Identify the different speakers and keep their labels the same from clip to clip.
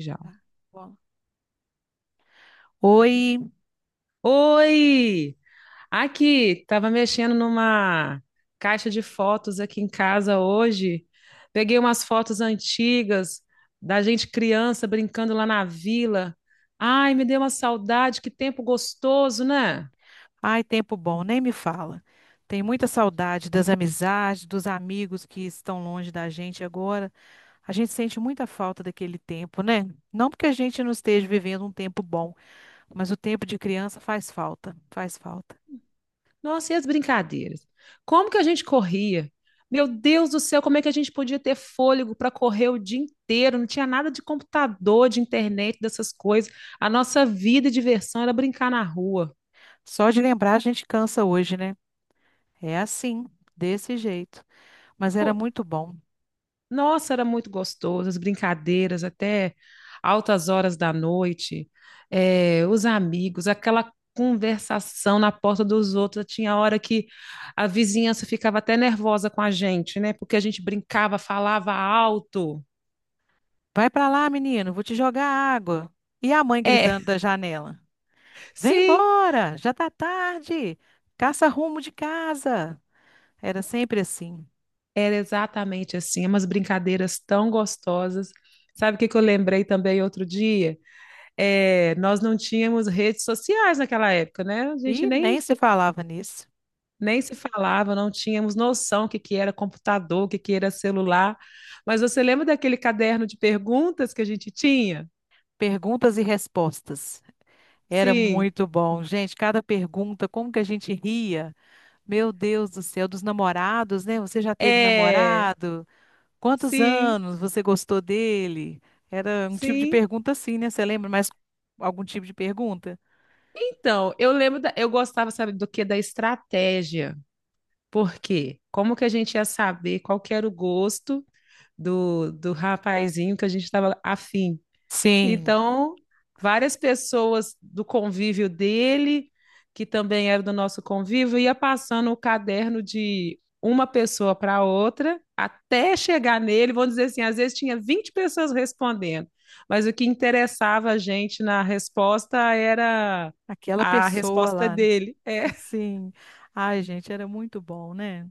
Speaker 1: Já.
Speaker 2: Tá, bom. Oi,
Speaker 1: Oi! Aqui, tava mexendo numa caixa de fotos aqui em casa hoje. Peguei umas fotos antigas da gente criança brincando lá na vila. Ai, me deu uma saudade, que tempo gostoso, né?
Speaker 2: ai, tempo bom, nem me fala. Tem muita saudade das amizades, dos amigos que estão longe da gente agora. A gente sente muita falta daquele tempo, né? Não porque a gente não esteja vivendo um tempo bom, mas o tempo de criança faz falta, faz falta.
Speaker 1: Nossa, e as brincadeiras? Como que a gente corria? Meu Deus do céu, como é que a gente podia ter fôlego para correr o dia inteiro? Não tinha nada de computador, de internet, dessas coisas. A nossa vida e diversão era brincar na rua.
Speaker 2: Só de lembrar a gente cansa hoje, né? É assim, desse jeito. Mas
Speaker 1: Pô,
Speaker 2: era muito bom.
Speaker 1: nossa, era muito gostoso, as brincadeiras até altas horas da noite, os amigos, aquela conversação na porta dos outros. Tinha hora que a vizinhança ficava até nervosa com a gente, né? Porque a gente brincava, falava alto.
Speaker 2: Vai pra lá, menino, vou te jogar água. E a mãe
Speaker 1: É,
Speaker 2: gritando da janela. Vem
Speaker 1: sim,
Speaker 2: embora, já tá tarde. Caça rumo de casa. Era sempre assim.
Speaker 1: era exatamente assim, umas brincadeiras tão gostosas. Sabe o que que eu lembrei também outro dia? Nós não tínhamos redes sociais naquela época, né? A gente
Speaker 2: E
Speaker 1: nem
Speaker 2: nem se falava nisso.
Speaker 1: nem se falava, não tínhamos noção o que que era computador, o que que era celular. Mas você lembra daquele caderno de perguntas que a gente tinha?
Speaker 2: Perguntas e respostas. Era
Speaker 1: Sim,
Speaker 2: muito bom, gente. Cada pergunta, como que a gente ria? Meu Deus do céu, dos namorados, né? Você já teve
Speaker 1: é,
Speaker 2: namorado? Quantos
Speaker 1: sim,
Speaker 2: anos você gostou dele? Era um tipo de
Speaker 1: sim.
Speaker 2: pergunta assim, né? Você lembra mais algum tipo de pergunta?
Speaker 1: Então, eu lembro, eu gostava, sabe, do que? Da estratégia. Por quê? Como que a gente ia saber qual que era o gosto do rapazinho que a gente estava afim?
Speaker 2: Sim,
Speaker 1: Então, várias pessoas do convívio dele, que também era do nosso convívio, ia passando o caderno de uma pessoa para outra até chegar nele. Vamos dizer assim, às vezes tinha 20 pessoas respondendo, mas o que interessava a gente na resposta era
Speaker 2: aquela
Speaker 1: a
Speaker 2: pessoa
Speaker 1: resposta
Speaker 2: lá, né?
Speaker 1: dele. É,
Speaker 2: Sim. Ai, gente, era muito bom, né?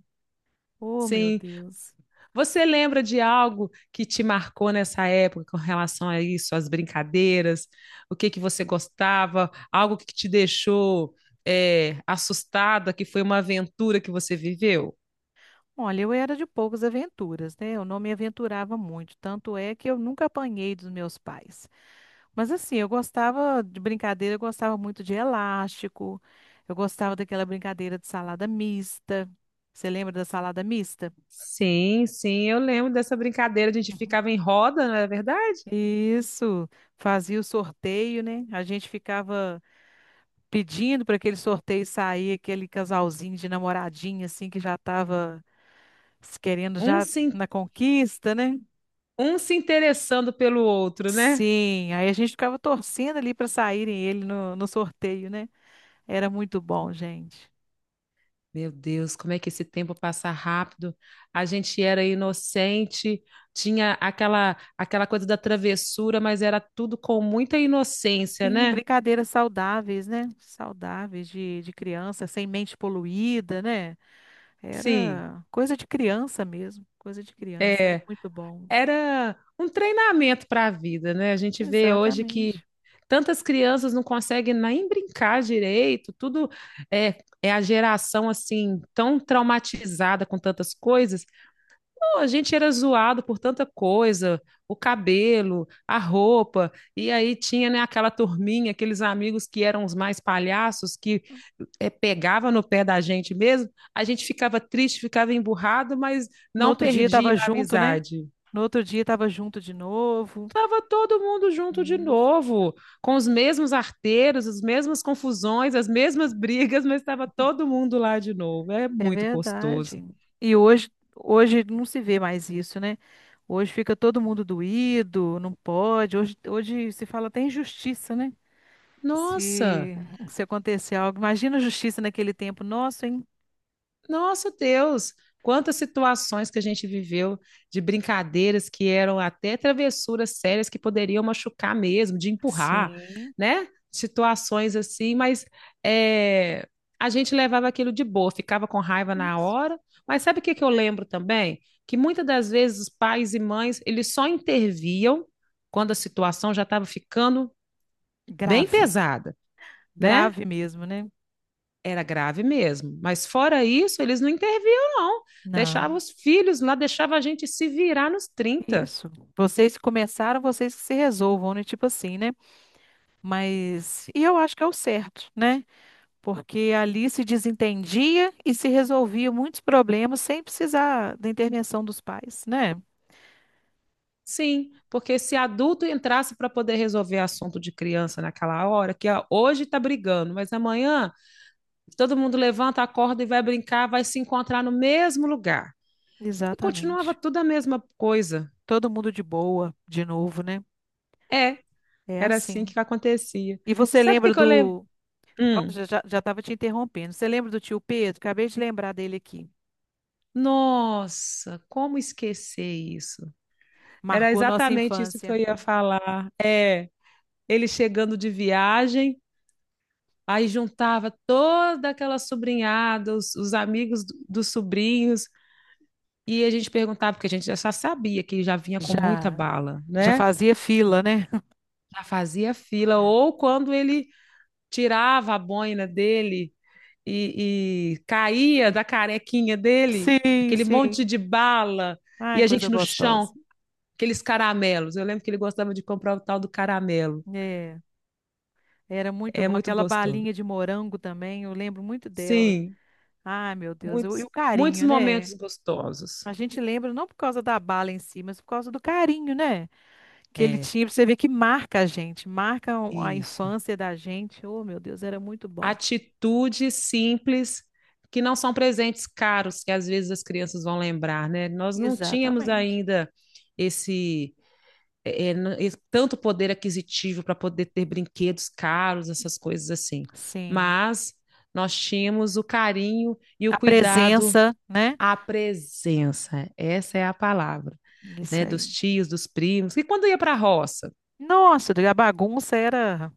Speaker 2: Oh, meu
Speaker 1: sim.
Speaker 2: Deus.
Speaker 1: Você lembra de algo que te marcou nessa época com relação a isso, as brincadeiras, o que que você gostava, algo que te deixou assustada, que foi uma aventura que você viveu?
Speaker 2: Olha, eu era de poucas aventuras, né? Eu não me aventurava muito, tanto é que eu nunca apanhei dos meus pais. Mas assim, eu gostava de brincadeira, eu gostava muito de elástico, eu gostava daquela brincadeira de salada mista. Você lembra da salada mista?
Speaker 1: Sim, sim, eu lembro dessa brincadeira, a gente
Speaker 2: Uhum.
Speaker 1: ficava em roda, não é verdade?
Speaker 2: Isso, fazia o sorteio, né? A gente ficava pedindo para aquele sorteio sair, aquele casalzinho de namoradinha, assim, que já estava querendo
Speaker 1: Um
Speaker 2: já
Speaker 1: se,
Speaker 2: na conquista, né?
Speaker 1: um se interessando pelo outro, né?
Speaker 2: Sim, aí a gente ficava torcendo ali para saírem ele no sorteio, né? Era muito bom, gente.
Speaker 1: Meu Deus, como é que esse tempo passa rápido? A gente era inocente, tinha aquela coisa da travessura, mas era tudo com muita inocência,
Speaker 2: Sim,
Speaker 1: né?
Speaker 2: brincadeiras saudáveis, né? Saudáveis de criança, sem mente poluída, né?
Speaker 1: Sim,
Speaker 2: Era coisa de criança mesmo, coisa de criança, era
Speaker 1: é,
Speaker 2: muito bom.
Speaker 1: era um treinamento para a vida, né? A gente vê hoje que
Speaker 2: Exatamente.
Speaker 1: tantas crianças não conseguem nem brincar direito, tudo é a geração assim tão traumatizada com tantas coisas. Pô, a gente era zoado por tanta coisa, o cabelo, a roupa, e aí tinha, né, aquela turminha, aqueles amigos que eram os mais palhaços, que pegava no pé da gente mesmo, a gente ficava triste, ficava emburrado, mas
Speaker 2: No
Speaker 1: não
Speaker 2: outro dia
Speaker 1: perdia
Speaker 2: estava
Speaker 1: a
Speaker 2: junto, né?
Speaker 1: amizade.
Speaker 2: No outro dia estava junto de novo.
Speaker 1: Tava todo mundo junto de novo, com os mesmos arteiros, as mesmas confusões, as mesmas brigas, mas estava todo mundo lá de novo. É
Speaker 2: É
Speaker 1: muito gostoso.
Speaker 2: verdade. E hoje, hoje não se vê mais isso, né? Hoje fica todo mundo doído, não pode. Hoje, hoje se fala até em justiça, né?
Speaker 1: Nossa!
Speaker 2: Se, se acontecer algo, imagina a justiça naquele tempo. Nossa, hein?
Speaker 1: Nossa Deus, quantas situações que a gente viveu de brincadeiras que eram até travessuras sérias que poderiam machucar mesmo, de empurrar,
Speaker 2: Sim.
Speaker 1: né? Situações assim, mas é, a gente levava aquilo de boa, ficava com raiva na
Speaker 2: Isso.
Speaker 1: hora. Mas sabe o que que eu lembro também? Que muitas das vezes os pais e mães, eles só interviam quando a situação já estava ficando bem
Speaker 2: Grave,
Speaker 1: pesada, né?
Speaker 2: grave mesmo, né?
Speaker 1: Era grave mesmo. Mas fora isso, eles não interviam, não.
Speaker 2: Não,
Speaker 1: Deixavam os filhos lá, deixava a gente se virar nos trinta.
Speaker 2: isso. Vocês que começaram, vocês que se resolvam, né? Tipo assim, né? Mas, e eu acho que é o certo, né? Porque ali se desentendia e se resolvia muitos problemas sem precisar da intervenção dos pais, né?
Speaker 1: Sim, porque se adulto entrasse para poder resolver assunto de criança naquela hora, que ó, hoje está brigando, mas amanhã todo mundo levanta, acorda e vai brincar, vai se encontrar no mesmo lugar. E continuava
Speaker 2: Exatamente.
Speaker 1: tudo a mesma coisa.
Speaker 2: Todo mundo de boa, de novo, né?
Speaker 1: É,
Speaker 2: É
Speaker 1: era assim
Speaker 2: assim.
Speaker 1: que acontecia.
Speaker 2: E
Speaker 1: E
Speaker 2: você
Speaker 1: sabe o que,
Speaker 2: lembra
Speaker 1: que eu lembro?
Speaker 2: do. Ó,
Speaker 1: Hum,
Speaker 2: já, já, já estava te interrompendo. Você lembra do tio Pedro? Acabei de lembrar dele aqui.
Speaker 1: nossa, como esquecer isso? Era
Speaker 2: Marcou nossa
Speaker 1: exatamente isso que
Speaker 2: infância.
Speaker 1: eu ia falar. É, ele chegando de viagem, aí juntava toda aquela sobrinhada, os amigos dos sobrinhos, e a gente perguntava, porque a gente já sabia que já vinha com muita
Speaker 2: Já,
Speaker 1: bala,
Speaker 2: já
Speaker 1: né?
Speaker 2: fazia fila, né?
Speaker 1: Já fazia fila, ou quando ele tirava a boina dele e caía da carequinha dele,
Speaker 2: Sim,
Speaker 1: aquele monte
Speaker 2: sim.
Speaker 1: de bala, e
Speaker 2: Ai,
Speaker 1: a
Speaker 2: coisa
Speaker 1: gente no
Speaker 2: gostosa.
Speaker 1: chão, aqueles caramelos. Eu lembro que ele gostava de comprar o tal do caramelo.
Speaker 2: É, era muito
Speaker 1: É
Speaker 2: bom.
Speaker 1: muito
Speaker 2: Aquela
Speaker 1: gostoso.
Speaker 2: balinha de morango também, eu lembro muito dela.
Speaker 1: Sim.
Speaker 2: Ai, meu Deus, eu- e
Speaker 1: Muitos,
Speaker 2: o
Speaker 1: muitos
Speaker 2: carinho, né?
Speaker 1: momentos gostosos.
Speaker 2: A gente lembra não por causa da bala em si, mas por causa do carinho, né? Que ele
Speaker 1: É,
Speaker 2: tinha, pra você ver que marca a gente, marca o- a
Speaker 1: isso.
Speaker 2: infância da gente. Oh, meu Deus, era muito bom.
Speaker 1: Atitudes simples que não são presentes caros, que às vezes as crianças vão lembrar, né? Nós não tínhamos
Speaker 2: Exatamente.
Speaker 1: ainda esse, esse tanto poder aquisitivo para poder ter brinquedos caros, essas coisas assim.
Speaker 2: Sim.
Speaker 1: Mas nós tínhamos o carinho e o
Speaker 2: A
Speaker 1: cuidado,
Speaker 2: presença, né?
Speaker 1: a presença, essa é a palavra,
Speaker 2: Isso
Speaker 1: né? Dos
Speaker 2: aí.
Speaker 1: tios, dos primos, e quando ia para a roça,
Speaker 2: Nossa, a bagunça era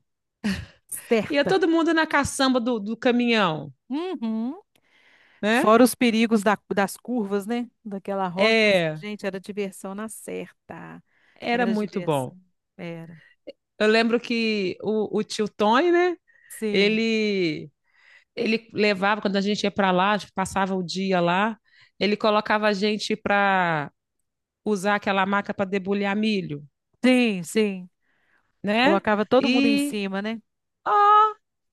Speaker 1: ia
Speaker 2: certa.
Speaker 1: todo mundo na caçamba do caminhão,
Speaker 2: Uhum.
Speaker 1: né?
Speaker 2: Fora os perigos da- das curvas, né? Daquela rosa, mas,
Speaker 1: É,
Speaker 2: gente, era diversão na certa.
Speaker 1: era
Speaker 2: Era
Speaker 1: muito
Speaker 2: diversão.
Speaker 1: bom.
Speaker 2: Era.
Speaker 1: Eu lembro que o tio Tony, né?
Speaker 2: Sim.
Speaker 1: Ele, ele levava, quando a gente ia para lá, passava o dia lá, ele colocava a gente para usar aquela maca para debulhar milho,
Speaker 2: Sim, sim.
Speaker 1: né?
Speaker 2: Colocava todo mundo em
Speaker 1: E
Speaker 2: cima, né?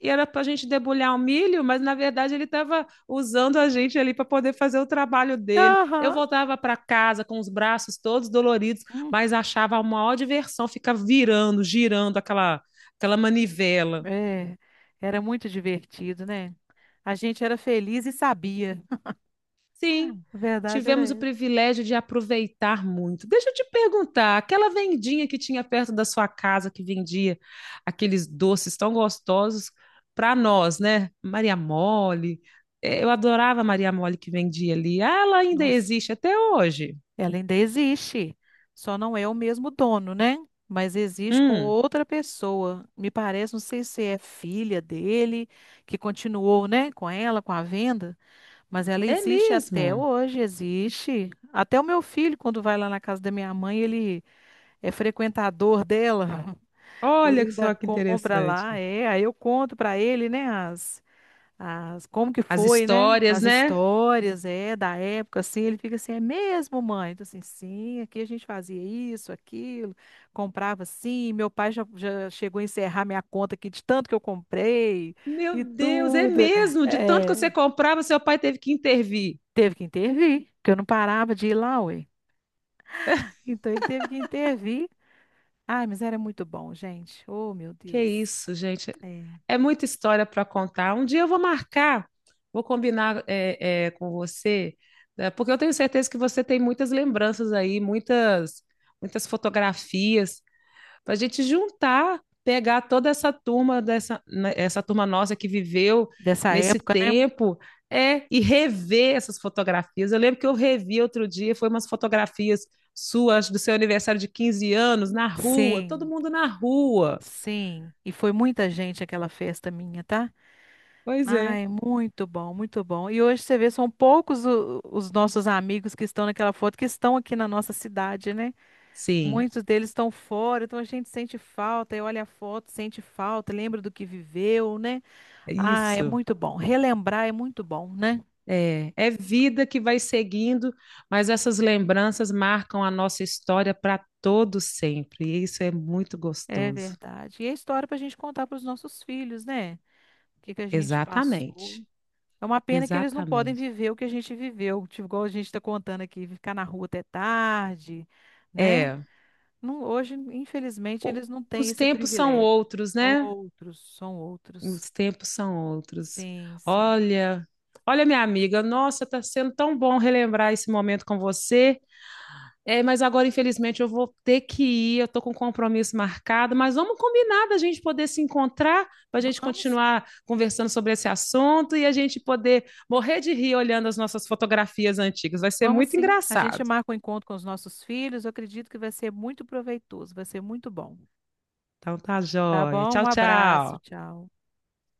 Speaker 1: e era para a gente debulhar o milho, mas na verdade ele estava usando a gente ali para poder fazer o trabalho dele. Eu
Speaker 2: Aham.
Speaker 1: voltava para casa com os braços todos doloridos,
Speaker 2: Hum,
Speaker 1: mas achava a maior diversão ficar virando, girando aquela, aquela manivela.
Speaker 2: é. Era muito divertido, né? A gente era feliz e sabia. A
Speaker 1: Sim,
Speaker 2: verdade era
Speaker 1: tivemos o
Speaker 2: essa.
Speaker 1: privilégio de aproveitar muito. Deixa eu te perguntar, aquela vendinha que tinha perto da sua casa que vendia aqueles doces tão gostosos para nós, né? Maria Mole. Eu adorava a Maria Mole que vendia ali. Ah, ela ainda
Speaker 2: Nossa,
Speaker 1: existe até hoje.
Speaker 2: ela ainda existe. Só não é o mesmo dono, né? Mas existe com
Speaker 1: Hum,
Speaker 2: outra pessoa. Me parece, não sei se é filha dele, que continuou, né, com ela, com a venda, mas ela
Speaker 1: é
Speaker 2: existe até
Speaker 1: mesmo.
Speaker 2: hoje, existe. Até o meu filho, quando vai lá na casa da minha mãe, ele é frequentador dela. Ele
Speaker 1: Olha
Speaker 2: ainda
Speaker 1: só que
Speaker 2: compra
Speaker 1: interessante.
Speaker 2: lá, é. Aí eu conto para ele, né, as como que
Speaker 1: As
Speaker 2: foi, né,
Speaker 1: histórias,
Speaker 2: as
Speaker 1: né?
Speaker 2: histórias, é, da época, assim. Ele fica assim, é mesmo, mãe? Então, assim, sim, aqui a gente fazia isso, aquilo, comprava assim. Meu pai já, já chegou a encerrar minha conta aqui de tanto que eu comprei
Speaker 1: Meu
Speaker 2: e
Speaker 1: Deus, é
Speaker 2: tudo.
Speaker 1: mesmo. De tanto que você
Speaker 2: É,
Speaker 1: comprava, seu pai teve que intervir.
Speaker 2: teve que intervir, porque eu não parava de ir lá, ué. Então ele teve que intervir. Ai, mas era muito bom, gente. Oh, meu
Speaker 1: Que
Speaker 2: Deus.
Speaker 1: isso, gente.
Speaker 2: É,
Speaker 1: É muita história para contar. Um dia eu vou marcar, vou combinar com você, né, porque eu tenho certeza que você tem muitas lembranças aí, muitas, muitas fotografias, para a gente juntar, pegar toda essa turma, dessa, né, essa turma nossa que viveu
Speaker 2: dessa
Speaker 1: nesse
Speaker 2: época, né?
Speaker 1: tempo, é, e rever essas fotografias. Eu lembro que eu revi outro dia, foi umas fotografias suas do seu aniversário de 15 anos, na rua, todo
Speaker 2: Sim,
Speaker 1: mundo na rua.
Speaker 2: sim. E foi muita gente aquela festa minha, tá?
Speaker 1: Pois é.
Speaker 2: Ai, muito bom, muito bom. E hoje você vê, são poucos o- os nossos amigos que estão naquela foto, que estão aqui na nossa cidade, né?
Speaker 1: Sim,
Speaker 2: Muitos deles estão fora, então a gente sente falta, e olha a foto, sente falta, lembra do que viveu, né? Ah, é
Speaker 1: isso.
Speaker 2: muito bom. Relembrar é muito bom, né?
Speaker 1: É, é vida que vai seguindo, mas essas lembranças marcam a nossa história para todo sempre. E isso é muito
Speaker 2: É
Speaker 1: gostoso.
Speaker 2: verdade. E é história para a gente contar para os nossos filhos, né? O que que a gente passou.
Speaker 1: Exatamente.
Speaker 2: É uma pena que eles não podem
Speaker 1: Exatamente.
Speaker 2: viver o que a gente viveu, tipo, igual a gente está contando aqui, ficar na rua até tarde, né?
Speaker 1: É,
Speaker 2: Não- hoje, infelizmente,
Speaker 1: o-
Speaker 2: eles não têm
Speaker 1: os
Speaker 2: esse
Speaker 1: tempos são
Speaker 2: privilégio.
Speaker 1: outros, né?
Speaker 2: Outros, são outros.
Speaker 1: Os tempos são outros.
Speaker 2: Sim, sim.
Speaker 1: Olha, olha minha amiga, nossa, tá sendo tão bom relembrar esse momento com você. É, mas agora, infelizmente, eu vou ter que ir, eu estou com um compromisso marcado, mas vamos combinar da gente poder se encontrar, para a gente
Speaker 2: Vamos,
Speaker 1: continuar conversando sobre esse assunto e a gente poder morrer de rir olhando as nossas fotografias antigas. Vai ser
Speaker 2: vamos
Speaker 1: muito
Speaker 2: sim. A
Speaker 1: engraçado.
Speaker 2: gente marca um encontro com os nossos filhos. Eu acredito que vai ser muito proveitoso, vai ser muito bom.
Speaker 1: Então tá
Speaker 2: Tá
Speaker 1: joia.
Speaker 2: bom?
Speaker 1: Tchau,
Speaker 2: Um abraço,
Speaker 1: tchau.
Speaker 2: tchau.